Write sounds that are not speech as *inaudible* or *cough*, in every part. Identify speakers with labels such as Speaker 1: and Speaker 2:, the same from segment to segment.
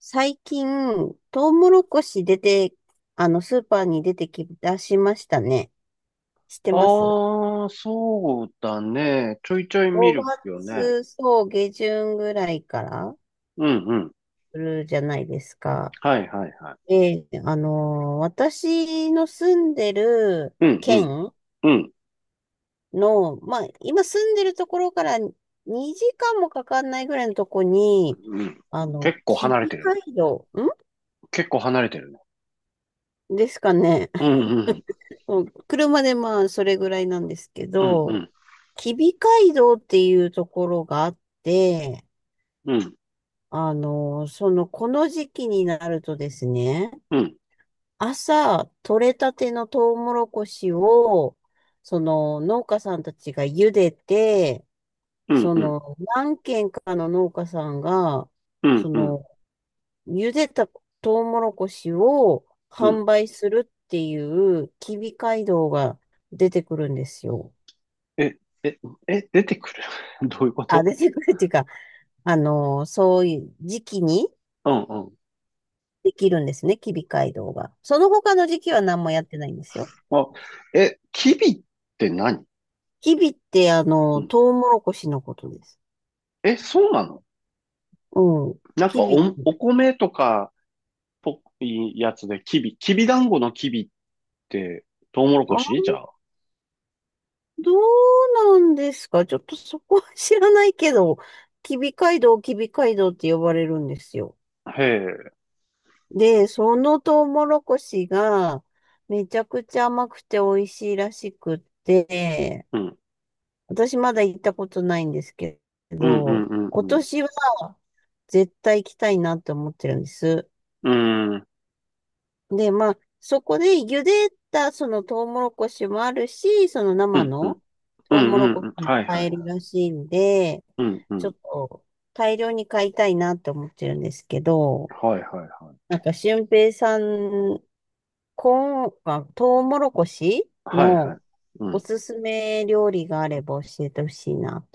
Speaker 1: 最近、トウモロコシ出て、スーパーに出てきだしましたね。知ってます？
Speaker 2: ああ、そうだね。ちょいちょい見
Speaker 1: 5
Speaker 2: るよね。
Speaker 1: 月、そう、下旬ぐらいから、
Speaker 2: うんうん。
Speaker 1: するじゃないですか。
Speaker 2: はいはいは
Speaker 1: ええ、あの私の住んでる
Speaker 2: い。うんうん
Speaker 1: 県
Speaker 2: うん
Speaker 1: の、まあ、今住んでるところから2時間もかかんないぐらいのとこに、
Speaker 2: うん。結構
Speaker 1: 吉
Speaker 2: 離れ
Speaker 1: 備
Speaker 2: てるね。
Speaker 1: 街道、
Speaker 2: 結構離れてるね。
Speaker 1: んですかね。
Speaker 2: うんうん
Speaker 1: うん、車でまあ、それぐらいなんですけ
Speaker 2: うんう
Speaker 1: ど、
Speaker 2: ん
Speaker 1: 吉備街道っていうところがあって、
Speaker 2: うん
Speaker 1: この時期になるとですね、
Speaker 2: うん
Speaker 1: 朝、取れたてのトウモロコシを、農家さんたちが茹でて、
Speaker 2: うんうん
Speaker 1: 何軒かの農家さんが、
Speaker 2: う
Speaker 1: そ
Speaker 2: んうん
Speaker 1: の、茹でたトウモロコシを
Speaker 2: うん、
Speaker 1: 販売するっていう、吉備街道が出てくるんですよ。
Speaker 2: え、え、え、出てくる *laughs* どういうこ
Speaker 1: あ、
Speaker 2: と？
Speaker 1: 出てくる *laughs* っていうか、そういう時期に
Speaker 2: うんうん。
Speaker 1: できるんですね、キビ街道が。その他の時期は何もやってないんですよ。
Speaker 2: あ、え、キビって何？
Speaker 1: キビって、
Speaker 2: うん。
Speaker 1: トウモロコシのことです。
Speaker 2: え、そうなの？
Speaker 1: うん。
Speaker 2: なんか
Speaker 1: キ
Speaker 2: お、
Speaker 1: ビって。
Speaker 2: お米とかっぽいやつでキビ、キビ団子のキビって、トウモロコ
Speaker 1: あ、
Speaker 2: シじゃあ。
Speaker 1: どうなんですか？ちょっとそこは知らないけど、キビ街道って呼ばれるんですよ。
Speaker 2: へえ、
Speaker 1: で、そのトウモロコシが、めちゃくちゃ甘くて美味しいらしくって、
Speaker 2: うん、
Speaker 1: 私まだ行ったことないんですけ
Speaker 2: うん、う
Speaker 1: ど、
Speaker 2: ん、うん、
Speaker 1: 今
Speaker 2: うん、
Speaker 1: 年は絶対行きたいなって思ってるんです。
Speaker 2: うん、
Speaker 1: で、まあ、そこで茹でたそのトウモロコシもあるし、その
Speaker 2: う
Speaker 1: 生
Speaker 2: ん、うん、
Speaker 1: の
Speaker 2: う
Speaker 1: トウ
Speaker 2: ん、
Speaker 1: モロ
Speaker 2: うん、う
Speaker 1: コ
Speaker 2: ん、
Speaker 1: シも
Speaker 2: はい、は
Speaker 1: 買
Speaker 2: い、
Speaker 1: えるらしいんで、
Speaker 2: うん、う
Speaker 1: ちょ
Speaker 2: ん、
Speaker 1: っと大量に買いたいなって思ってるんですけど、
Speaker 2: はい、はい、はい、
Speaker 1: なんか俊平さん、コーン、まあ、トウモロコシ
Speaker 2: はい、はい、
Speaker 1: の
Speaker 2: う
Speaker 1: お
Speaker 2: ん。
Speaker 1: すすめ料理があれば教えてほしいな。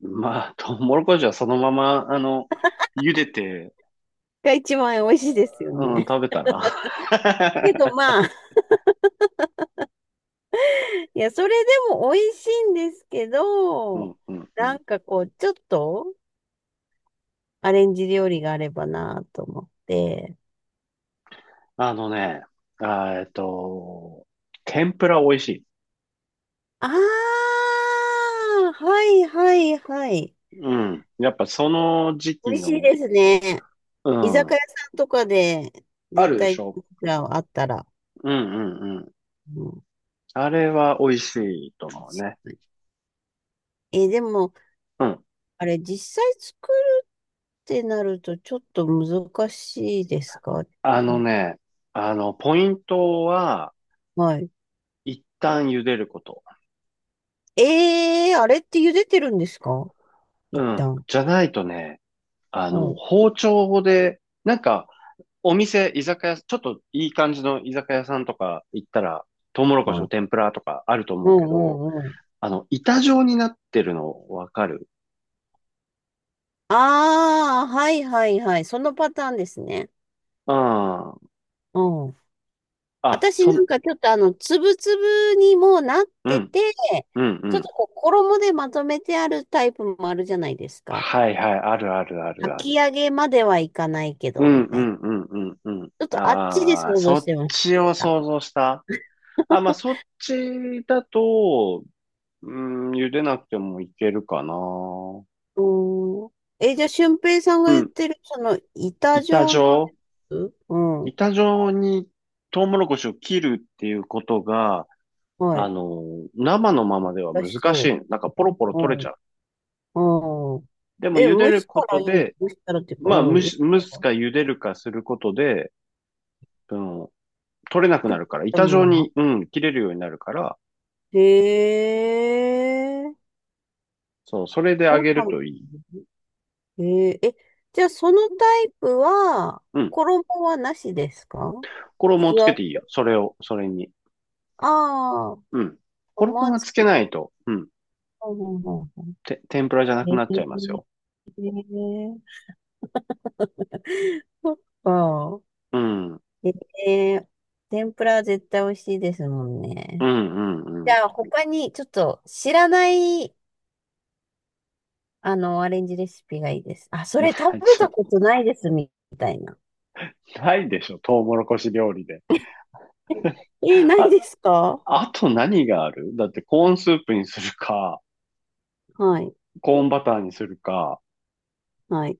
Speaker 2: まあ、トウモロコシはそのまま、あの、茹でて、
Speaker 1: が一番美味しいですよ
Speaker 2: うん、
Speaker 1: ね。
Speaker 2: 食べたら
Speaker 1: けど
Speaker 2: *laughs*
Speaker 1: まあ、いや、それでも美味しいんですけ
Speaker 2: う
Speaker 1: ど、
Speaker 2: ん、うん、う
Speaker 1: なん
Speaker 2: ん。
Speaker 1: かこう、ちょっとアレンジ料理があればなと思って。
Speaker 2: あのね、あーえっと、天ぷら美味しい。
Speaker 1: ああ、はいはいはい。
Speaker 2: うん。やっぱその時
Speaker 1: 美
Speaker 2: 期
Speaker 1: 味しい
Speaker 2: の、
Speaker 1: ですね。
Speaker 2: う
Speaker 1: 居酒
Speaker 2: ん。
Speaker 1: 屋さんとかで
Speaker 2: あ
Speaker 1: 絶
Speaker 2: るでし
Speaker 1: 対
Speaker 2: ょ。
Speaker 1: あったら。
Speaker 2: うんうんうん。
Speaker 1: うん、
Speaker 2: あれは美味しいと
Speaker 1: 確
Speaker 2: 思うね。
Speaker 1: かに。え、でも、
Speaker 2: うん。
Speaker 1: あれ、実際作るってなるとちょっと難しいですか？
Speaker 2: あ
Speaker 1: う
Speaker 2: の
Speaker 1: ん。
Speaker 2: ね、あの、ポイントは、
Speaker 1: はい。
Speaker 2: 一旦茹でること。
Speaker 1: ええー、あれって茹でてるんですか、
Speaker 2: う
Speaker 1: 一
Speaker 2: ん。
Speaker 1: 旦。
Speaker 2: じゃないとね、あ
Speaker 1: う
Speaker 2: の、
Speaker 1: ん、
Speaker 2: 包丁で、なんか、お店、居酒屋、ちょっといい感じの居酒屋さんとか行ったら、トウモロ
Speaker 1: う
Speaker 2: コシ
Speaker 1: ん、う
Speaker 2: の
Speaker 1: ん、
Speaker 2: 天ぷらとかあると
Speaker 1: う
Speaker 2: 思うけど、
Speaker 1: ん。うん。
Speaker 2: あの、板状になってるのわかる？
Speaker 1: ああー、はいはいはい。そのパターンですね。
Speaker 2: うん。
Speaker 1: うん。
Speaker 2: あ、
Speaker 1: 私
Speaker 2: そ
Speaker 1: な
Speaker 2: ん、
Speaker 1: んかちょっとつぶつぶにもうなっ
Speaker 2: う
Speaker 1: て
Speaker 2: ん、
Speaker 1: て、
Speaker 2: うん、う
Speaker 1: ちょっと
Speaker 2: ん。
Speaker 1: こう衣でまとめてあるタイプもあるじゃないですか。
Speaker 2: はいはい、あるあるあるあ
Speaker 1: 炊
Speaker 2: る。
Speaker 1: き上げまではいかないけ
Speaker 2: う
Speaker 1: ど、
Speaker 2: ん、
Speaker 1: み
Speaker 2: う
Speaker 1: たいな。
Speaker 2: ん、うん、うん、うん。
Speaker 1: ちょっとあっちで
Speaker 2: ああ、
Speaker 1: 想像
Speaker 2: そ
Speaker 1: し
Speaker 2: っ
Speaker 1: てまし
Speaker 2: ちを
Speaker 1: た。
Speaker 2: 想像した。あ、まあ、そっちだと、うん、茹でなくてもいけるかな。
Speaker 1: うーん。え、じゃあ、俊平さん
Speaker 2: う
Speaker 1: が言っ
Speaker 2: ん。
Speaker 1: てる、板
Speaker 2: 板
Speaker 1: 状のや
Speaker 2: 状
Speaker 1: つ。うん。
Speaker 2: 板状にトウモロコシを切るっていうことが、
Speaker 1: は
Speaker 2: あ
Speaker 1: い。
Speaker 2: の、生のままでは
Speaker 1: 美味し
Speaker 2: 難しい
Speaker 1: そ
Speaker 2: の。なんかポロポロ
Speaker 1: う。
Speaker 2: 取れ
Speaker 1: う
Speaker 2: ちゃ
Speaker 1: ん、
Speaker 2: う。
Speaker 1: うん。
Speaker 2: でも
Speaker 1: え、
Speaker 2: 茹で
Speaker 1: 蒸
Speaker 2: る
Speaker 1: し
Speaker 2: こ
Speaker 1: たら
Speaker 2: と
Speaker 1: いい、
Speaker 2: で、
Speaker 1: 蒸したらっていうか、
Speaker 2: まあ、
Speaker 1: う
Speaker 2: 蒸
Speaker 1: ん、やっ
Speaker 2: し、蒸
Speaker 1: た
Speaker 2: す
Speaker 1: ら。
Speaker 2: か茹でるかすることで、その、取れなく
Speaker 1: 食
Speaker 2: な
Speaker 1: っ
Speaker 2: るから、
Speaker 1: た
Speaker 2: 板
Speaker 1: も
Speaker 2: 状
Speaker 1: んな。
Speaker 2: に、うん、切れるようになるから、
Speaker 1: へえ、
Speaker 2: そう、それで揚
Speaker 1: そう
Speaker 2: げ
Speaker 1: な
Speaker 2: る
Speaker 1: んだ
Speaker 2: といい。
Speaker 1: ね。へえ、え、じゃあそのタイプは、
Speaker 2: うん。
Speaker 1: 衣はなしですか？
Speaker 2: 衣を
Speaker 1: 素。
Speaker 2: つけていいよ。それを、それに。
Speaker 1: ああー、
Speaker 2: うん。
Speaker 1: 思
Speaker 2: 衣
Speaker 1: わ
Speaker 2: は
Speaker 1: ず。
Speaker 2: つけないと、うん。
Speaker 1: うんうんうんう
Speaker 2: て、天ぷらじゃな
Speaker 1: ん。
Speaker 2: く
Speaker 1: へえ、
Speaker 2: なっちゃいますよ。
Speaker 1: ああ、
Speaker 2: うん。うん
Speaker 1: へえ、天ぷらは絶対美味しいですもん
Speaker 2: う
Speaker 1: ね。
Speaker 2: んう
Speaker 1: じ
Speaker 2: ん。
Speaker 1: ゃあ他にちょっと知らないアレンジレシピがいいです。あ、それ食
Speaker 2: *laughs*
Speaker 1: べ
Speaker 2: ち
Speaker 1: た
Speaker 2: ょ、
Speaker 1: ことないです、みたいな。
Speaker 2: ないでしょ、トウモロコシ料理で。
Speaker 1: えー、ない
Speaker 2: あ、
Speaker 1: ですか？
Speaker 2: あと何があるだってコーンスープにするか、
Speaker 1: はい、
Speaker 2: コーンバターにするか、
Speaker 1: はい。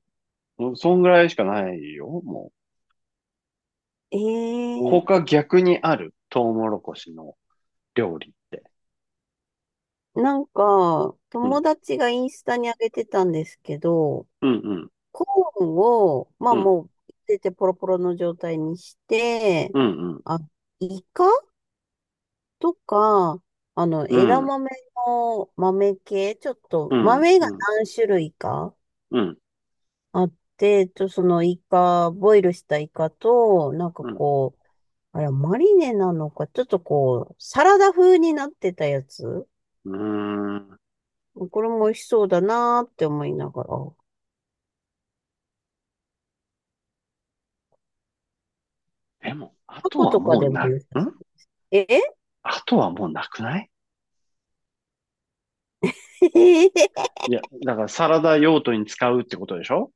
Speaker 2: もうそんぐらいしかないよ、もう。
Speaker 1: えー、
Speaker 2: 他逆にある、トウモロコシの料理って。
Speaker 1: なんか、
Speaker 2: うん、
Speaker 1: 友達がインスタに上げてたんですけど、
Speaker 2: うん、うん、
Speaker 1: コーンを、ま
Speaker 2: う
Speaker 1: あ
Speaker 2: ん、
Speaker 1: もう、出てポロポロの状態にして、
Speaker 2: うん、
Speaker 1: あ、イカとか、
Speaker 2: う
Speaker 1: 枝
Speaker 2: ん、うん、
Speaker 1: 豆の豆系、ちょっ
Speaker 2: う
Speaker 1: と、
Speaker 2: ん、
Speaker 1: 豆が
Speaker 2: うん、
Speaker 1: 何種類か
Speaker 2: うん、
Speaker 1: あって、と、そのイカ、ボイルしたイカと、なんか
Speaker 2: うん。
Speaker 1: こう、あれ、マリネなのか、ちょっとこう、サラダ風になってたやつ。
Speaker 2: うーん、
Speaker 1: これも美味しそうだなーって思いながら。
Speaker 2: でも、あ
Speaker 1: タ
Speaker 2: と
Speaker 1: コ
Speaker 2: は
Speaker 1: とか
Speaker 2: も
Speaker 1: で
Speaker 2: う
Speaker 1: も
Speaker 2: な、ん、
Speaker 1: 良さそうです。え
Speaker 2: あとはもうなくない？いや、だからサラダ用途に使うってことでしょ？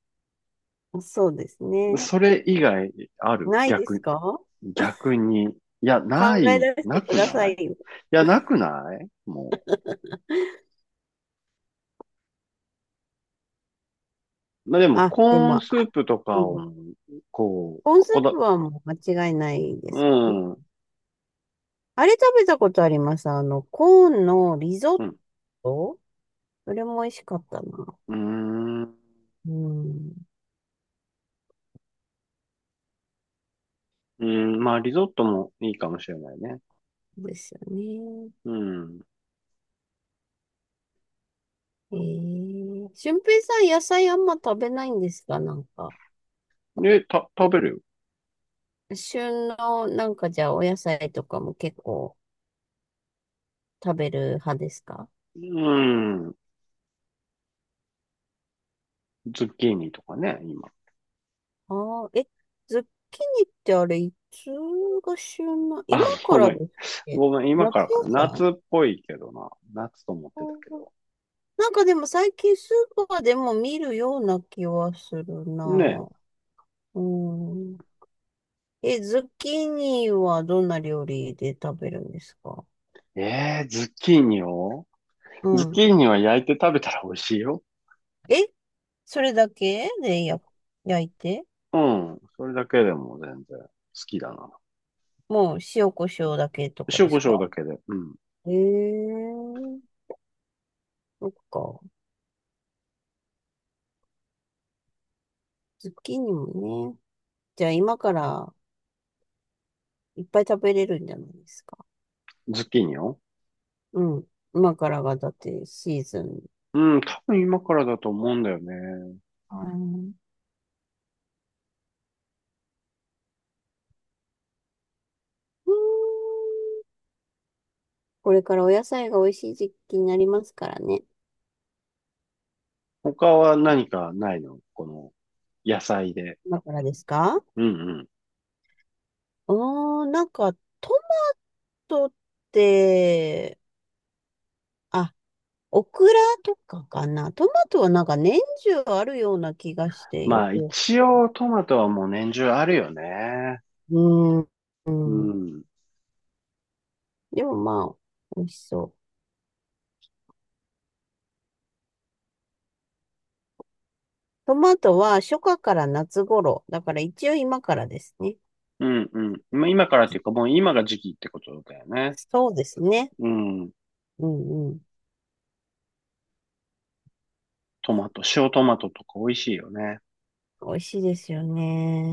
Speaker 1: *laughs* そうですね。
Speaker 2: それ以外ある、
Speaker 1: ないです
Speaker 2: 逆、
Speaker 1: か？
Speaker 2: 逆に。いや、な
Speaker 1: 考え
Speaker 2: い、
Speaker 1: 出し
Speaker 2: な
Speaker 1: て
Speaker 2: く
Speaker 1: くださ
Speaker 2: ない、
Speaker 1: い
Speaker 2: い
Speaker 1: よ。
Speaker 2: や、なくないもう。まあ、でも、
Speaker 1: あ、
Speaker 2: コ
Speaker 1: で
Speaker 2: ー
Speaker 1: も、
Speaker 2: ン
Speaker 1: あ、
Speaker 2: スープと
Speaker 1: う
Speaker 2: か
Speaker 1: ん、
Speaker 2: を、こう、
Speaker 1: コーンス
Speaker 2: こ
Speaker 1: ー
Speaker 2: だ、
Speaker 1: プはもう間違いないで
Speaker 2: う
Speaker 1: すね。
Speaker 2: ん、うん、
Speaker 1: あれ食べたことあります。あの、コーンのリゾッ
Speaker 2: う
Speaker 1: ト。それも美味しかったな。
Speaker 2: ん、う
Speaker 1: うん。
Speaker 2: ん、まあ、リゾットもいいかもしれないね。
Speaker 1: そうですよね。
Speaker 2: うん。
Speaker 1: ええ俊平さん、野菜あんま食べないんですか、なんか。
Speaker 2: で、食べるよ。
Speaker 1: 旬の、なんかじゃあ、お野菜とかも結構食べる派ですか？
Speaker 2: うん、ズッキーニとかね、今。
Speaker 1: ああえ、ズッキーニってあれ、いつが旬な、今
Speaker 2: あ、
Speaker 1: か
Speaker 2: ご
Speaker 1: ら
Speaker 2: め
Speaker 1: で
Speaker 2: ん。
Speaker 1: すっけ？
Speaker 2: ごめん、今か
Speaker 1: 夏
Speaker 2: らかな。
Speaker 1: 野
Speaker 2: 夏
Speaker 1: 菜
Speaker 2: っぽいけどな。夏と思っ
Speaker 1: あ
Speaker 2: てたけ
Speaker 1: ー
Speaker 2: ど。
Speaker 1: なんかでも最近スーパーでも見るような気はする
Speaker 2: ね
Speaker 1: な。うん。え、ズッキーニはどんな料理で食べるんですか？
Speaker 2: え。えー、
Speaker 1: う
Speaker 2: ズッ
Speaker 1: ん。
Speaker 2: キーニは焼いて食べたら美味しいよ。
Speaker 1: え、それだけでや、焼いて、
Speaker 2: うん。それだけでも全然好きだな。
Speaker 1: もう塩コショウだけとか
Speaker 2: 塩
Speaker 1: で
Speaker 2: コ
Speaker 1: す
Speaker 2: ショウ
Speaker 1: か？
Speaker 2: だけで。うん。
Speaker 1: えー、そっか。ズッキーニもね。じゃあ今からいっぱい食べれるんじゃないですか。
Speaker 2: ズッキーニを、
Speaker 1: うん。今からがだってシーズン。
Speaker 2: うん、多分今からだと思うんだよね。
Speaker 1: はい。うん。これからお野菜が美味しい時期になりますからね。
Speaker 2: 他は何かないのこの野菜で。
Speaker 1: 今からですか？
Speaker 2: うんうん。
Speaker 1: うーん、なんかトマトって、あ、オクラとかかな。トマトはなんか年中あるような気がしてよ
Speaker 2: まあ
Speaker 1: く。
Speaker 2: 一応トマトはもう年中あるよね。
Speaker 1: うん。う
Speaker 2: う
Speaker 1: ん。
Speaker 2: ん。
Speaker 1: でもまあ、美味しそう。トマトは初夏から夏頃。だから一応今からですね。
Speaker 2: うんうん。まあ今からっていうかもう今が時期ってことだよね。
Speaker 1: そうですね。
Speaker 2: うん。
Speaker 1: うんうん。
Speaker 2: トマト、塩トマトとか美味しいよね。
Speaker 1: 美味しいですよ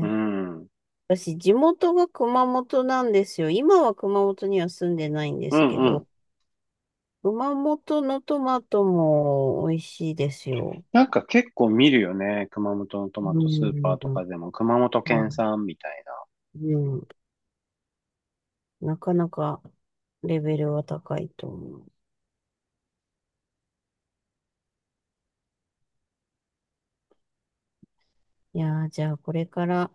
Speaker 2: うん。うん
Speaker 1: 私、地元が熊本なんですよ。今は熊本には住んでないんで
Speaker 2: う
Speaker 1: すけど、
Speaker 2: ん。
Speaker 1: 熊本のトマトも美味しいですよ。
Speaker 2: なんか結構見るよね。熊本のトマ
Speaker 1: う
Speaker 2: トスーパーとか
Speaker 1: ん。
Speaker 2: でも、熊本県
Speaker 1: は
Speaker 2: 産みたい
Speaker 1: い。うん。なかなかレベルは高いと思う。いやー、じゃあこれから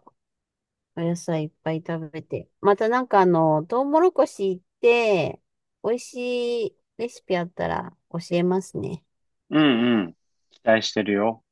Speaker 1: お野菜いっぱい食べて。またなんかあの、トウモロコシ行って、美味しいレシピあったら教えますね。
Speaker 2: な。うんうん。期待してるよ。